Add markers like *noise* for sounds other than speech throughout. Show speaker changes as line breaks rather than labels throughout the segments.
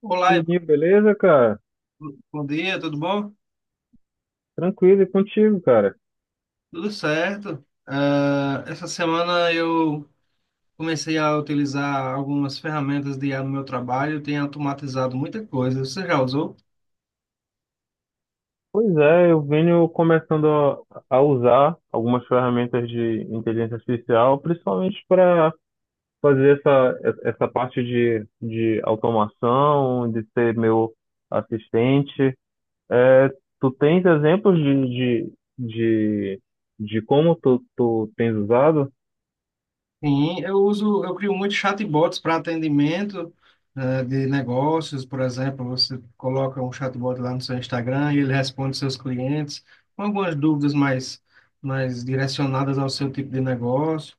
Olá,
Oi,
Ivan.
beleza, cara?
Bom dia, tudo bom?
Tranquilo e contigo, cara.
Tudo certo. Essa semana eu comecei a utilizar algumas ferramentas de IA no meu trabalho. Eu tenho automatizado muita coisa. Você já usou?
Pois é, eu venho começando a usar algumas ferramentas de inteligência artificial, principalmente para fazer essa parte de automação, de ser meu assistente. É, tu tens exemplos de, de como tu tens usado?
Sim, eu uso, eu crio muitos chatbots para atendimento, de negócios. Por exemplo, você coloca um chatbot lá no seu Instagram e ele responde seus clientes com algumas mais direcionadas ao seu tipo de negócio.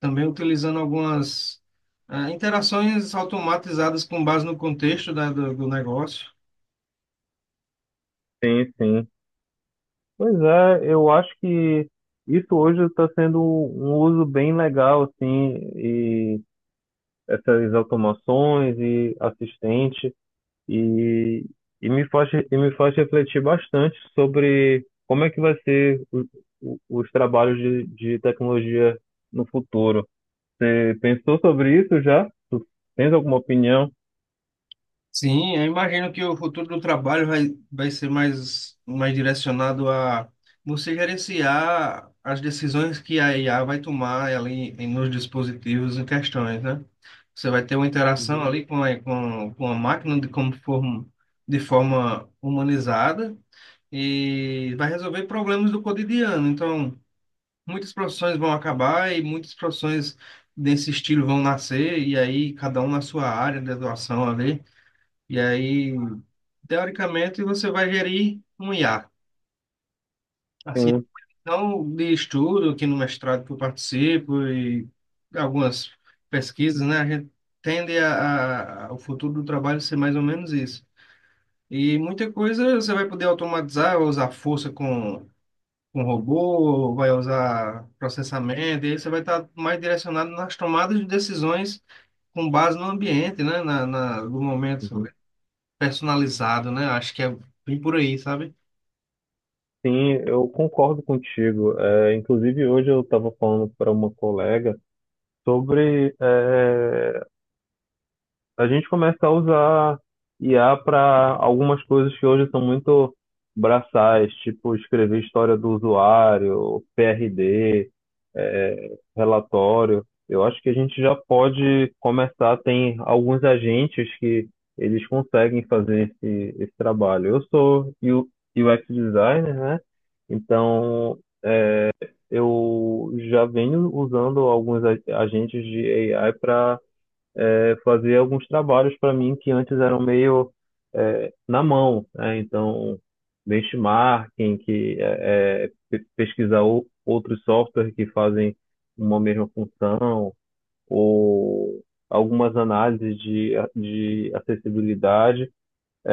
Também utilizando algumas interações automatizadas com base no contexto do negócio.
Sim, sim. Pois é, eu acho que isso hoje está sendo um uso bem legal, assim, essas automações e assistente e, e me faz refletir bastante sobre como é que vai ser os trabalhos de tecnologia no futuro. Você pensou sobre isso já? Tu tens alguma opinião?
Sim, eu imagino que o futuro do trabalho vai ser mais direcionado a você gerenciar as decisões que a IA vai tomar ali em- nos dispositivos em questões, né? Você vai ter uma interação
Uhum.
ali com com a máquina de, como forma, de forma humanizada, e vai resolver problemas do cotidiano. Então, muitas profissões vão acabar e muitas profissões desse estilo vão nascer, e aí cada um na sua área de atuação ali. E aí, teoricamente, você vai gerir um IA. Assim,
Sim,
então de estudo, aqui no mestrado que eu participo e algumas pesquisas, né? A gente tende a o futuro do trabalho ser mais ou menos isso. E muita coisa você vai poder automatizar, ou usar força com robô, vai usar processamento, e aí você vai estar mais direcionado nas tomadas de decisões com base no ambiente, né? No momento
uhum.
personalizado, né? Acho que é bem por aí, sabe?
Sim, eu concordo contigo. É, inclusive, hoje eu estava falando para uma colega sobre a gente começa a usar IA para algumas coisas que hoje são muito braçais, tipo escrever história do usuário, PRD, relatório. Eu acho que a gente já pode começar, tem alguns agentes que eles conseguem fazer esse trabalho. Eu sou UX designer, né? Então eu já venho usando alguns agentes de AI para fazer alguns trabalhos para mim que antes eram meio na mão, né? Então, benchmarking, que pesquisar outros softwares que fazem uma mesma função, ou algumas análises de acessibilidade.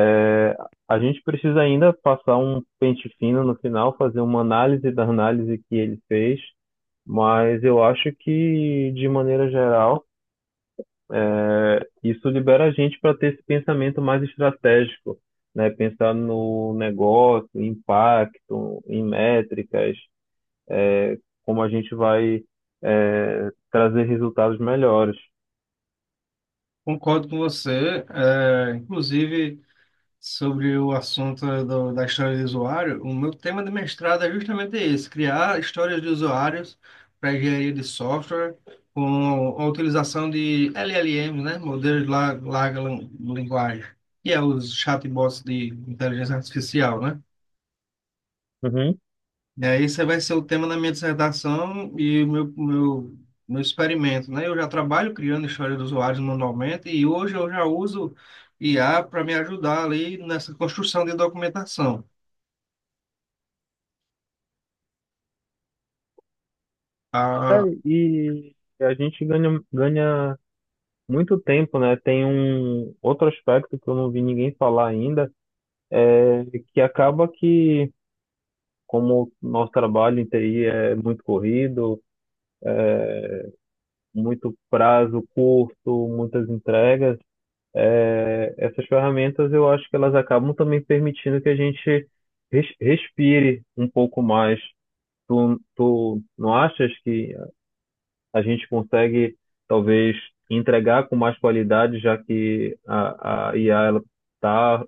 É, A gente precisa ainda passar um pente fino no final, fazer uma análise da análise que ele fez, mas eu acho que, de maneira geral, isso libera a gente para ter esse pensamento mais estratégico, né? Pensar no negócio, em impacto, em métricas, como a gente vai, trazer resultados melhores.
Concordo com você. É, inclusive, sobre o assunto do- da história do usuário, o meu tema de mestrado é justamente esse, criar histórias de usuários para engenharia de software com a utilização de LLMs, né, modelos de la- larga lan- linguagem, que é os chatbots de inteligência artificial, né?
Uhum.
E aí esse vai ser o tema da minha dissertação e o meu experimento, né? Eu já trabalho criando história dos usuários manualmente e hoje eu já uso IA para me ajudar ali nessa construção de documentação.
É,
Ah,
e a gente ganha, ganha muito tempo, né? Tem um outro aspecto que eu não vi ninguém falar ainda, é que acaba que, como o nosso trabalho em TI é muito corrido, muito prazo curto, muitas entregas, essas ferramentas eu acho que elas acabam também permitindo que a gente respire um pouco mais. Tu não achas que a gente consegue talvez entregar com mais qualidade, já que a IA ela tá,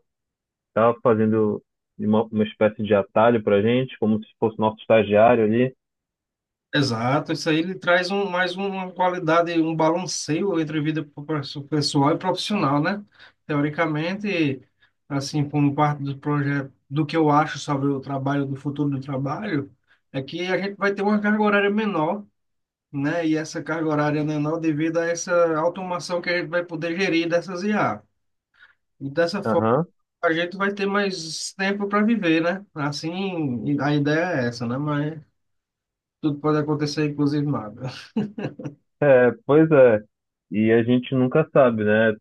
tá fazendo uma espécie de atalho para a gente, como se fosse nosso estagiário ali?
Exato, isso aí ele traz uma qualidade, um balanceio entre vida pro- pessoal e profissional, né? Teoricamente, assim, como parte do projeto, do que eu acho sobre o trabalho, do futuro do trabalho, é que a gente vai ter uma carga horária menor, né? E essa carga horária menor devido a essa automação que a gente vai poder gerir dessas IA. E dessa forma,
Aham.
a gente vai ter mais tempo para viver, né? Assim, a ideia é essa, né? Mas tudo pode acontecer, inclusive nada.
Pois é. E a gente nunca sabe, né?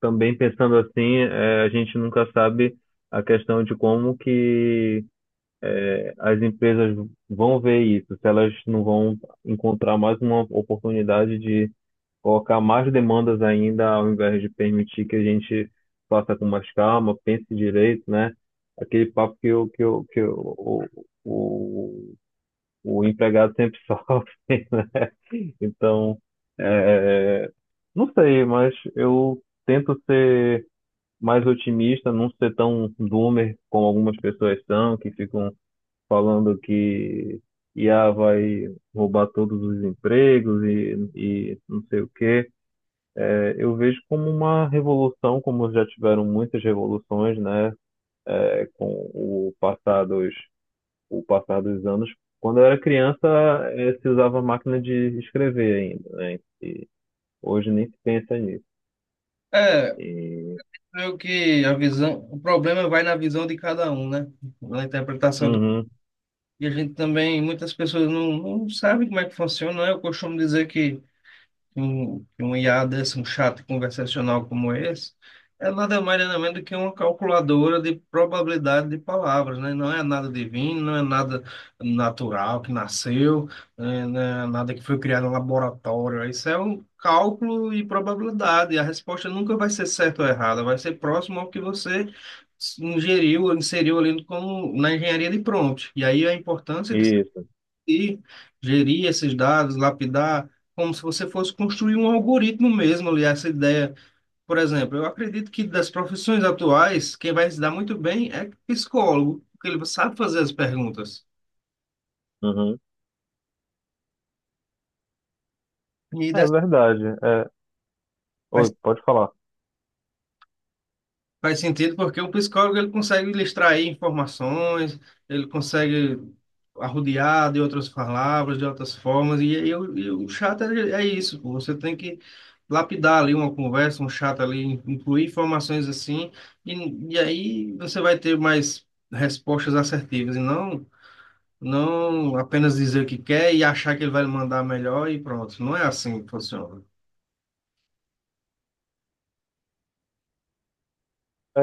Também pensando assim, a gente nunca sabe a questão de como que as empresas vão ver isso, se elas não vão encontrar mais uma oportunidade de colocar mais demandas ainda, ao invés de permitir que a gente faça com mais calma, pense direito, né? Aquele papo que, o que o, o o empregado sempre *laughs* sofre, né? Então, eh, não sei, mas eu tento ser mais otimista, não ser tão doomer como algumas pessoas são, que ficam falando que IA vai roubar todos os empregos e não sei o quê. É, eu vejo como uma revolução, como já tiveram muitas revoluções, né, com o passar o passar dos anos. Quando eu era criança, se usava máquina de escrever ainda, né? E hoje nem se pensa nisso.
É,
E...
creio que a visão, o problema vai na visão de cada um, né? Na interpretação do-
Uhum.
E a gente também, muitas pessoas não sabem como é que funciona, né? Eu costumo dizer que um IA desse, um chat conversacional como esse, é nada mais nada menos do que uma calculadora de probabilidade de palavras, né? Não é nada divino, não é nada natural que nasceu, né? Não é nada que foi criado em laboratório. Isso é um cálculo e probabilidade. A resposta nunca vai ser certa ou errada, vai ser próximo ao que você ingeriu, inseriu ali como na engenharia de prompt. E aí a importância de
Isso.
e gerir esses dados, lapidar, como se você fosse construir um algoritmo mesmo ali, essa ideia. Por exemplo, eu acredito que das profissões atuais, quem vai se dar muito bem é psicólogo, porque ele sabe fazer as perguntas.
Uhum.
E
É
das-
verdade.
vai.
Oi, pode falar.
Faz sentido porque o psicólogo ele consegue lhe extrair informações, ele consegue arrodear de outras palavras, de outras formas, e aí o e o chato é isso, pô. Você tem que lapidar ali uma conversa, um chato ali, incluir informações assim, e aí você vai ter mais respostas assertivas, não apenas dizer o que quer e achar que ele vai lhe mandar melhor e pronto. Não é assim que funciona.
É,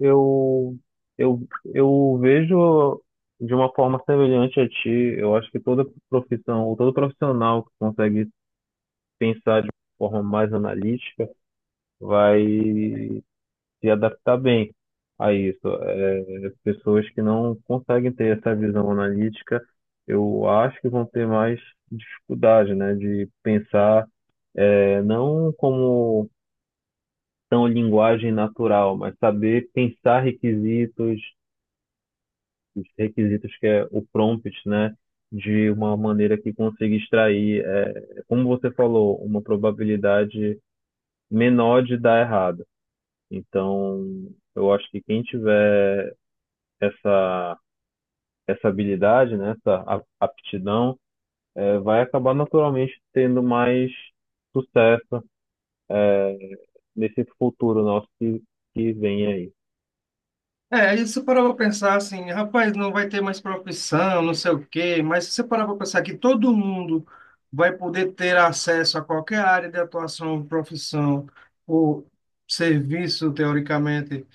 eu, eu, eu vejo de uma forma semelhante a ti. Eu acho que toda profissão, ou todo profissional que consegue pensar de uma forma mais analítica vai se adaptar bem a isso. É, pessoas que não conseguem ter essa visão analítica, eu acho que vão ter mais dificuldade, né, de pensar, não como tão linguagem natural, mas saber pensar requisitos os requisitos que é o prompt, né? De uma maneira que consiga extrair, como você falou, uma probabilidade menor de dar errado. Então, eu acho que quem tiver essa, essa habilidade, né, essa aptidão, vai acabar naturalmente tendo mais sucesso, é, nesse futuro nosso que vem aí.
É, aí você parava para pensar assim, rapaz, não vai ter mais profissão, não sei o quê, mas se você parar para pensar que todo mundo vai poder ter acesso a qualquer área de atuação, profissão ou serviço, teoricamente,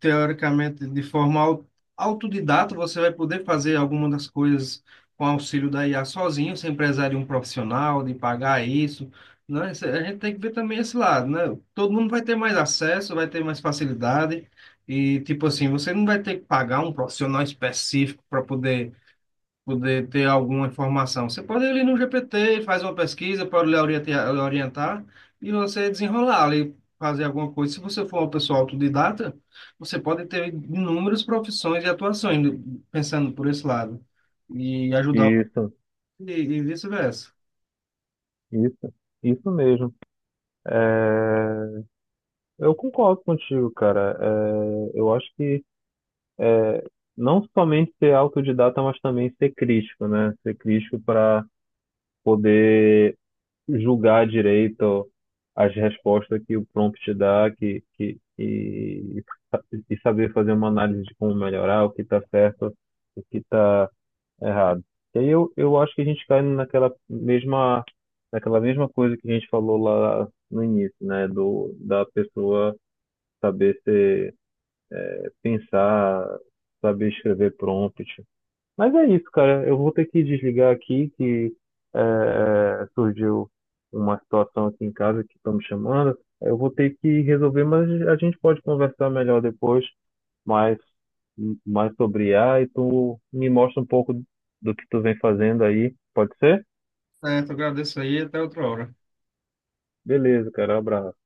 de forma au- autodidata, você vai poder fazer algumas das coisas com auxílio da IA sozinho, sem precisar de um profissional, de pagar isso, né? Isso- A gente tem que ver também esse lado, né? Todo mundo vai ter mais acesso, vai ter mais facilidade e, tipo assim, você não vai ter que pagar um profissional específico para poder ter alguma informação. Você pode ir ali no GPT, faz uma pesquisa, pode lhe orientar e você desenrolar ali, fazer alguma coisa. Se você for uma pessoa autodidata, você pode ter inúmeras profissões e atuações, pensando por esse lado, e ajudar
Isso,
e vice-versa.
isso, isso mesmo. É, eu concordo contigo, cara. Eu acho que é, não somente ser autodidata, mas também ser crítico, né? Ser crítico para poder julgar direito as respostas que o prompt te dá, e saber fazer uma análise de como melhorar, o que está certo, o que está errado. E aí eu acho que a gente cai naquela mesma coisa que a gente falou lá no início, né? Da pessoa saber ser pensar, saber escrever prompt. Mas é isso, cara. Eu vou ter que desligar aqui, que é, surgiu uma situação aqui em casa que estão me chamando. Eu vou ter que resolver, mas a gente pode conversar melhor depois, mais, mais sobre IA e tu me mostra um pouco do que tu vem fazendo aí. Pode ser?
Certo, agradeço aí, até outra hora.
Beleza, cara. Abraço.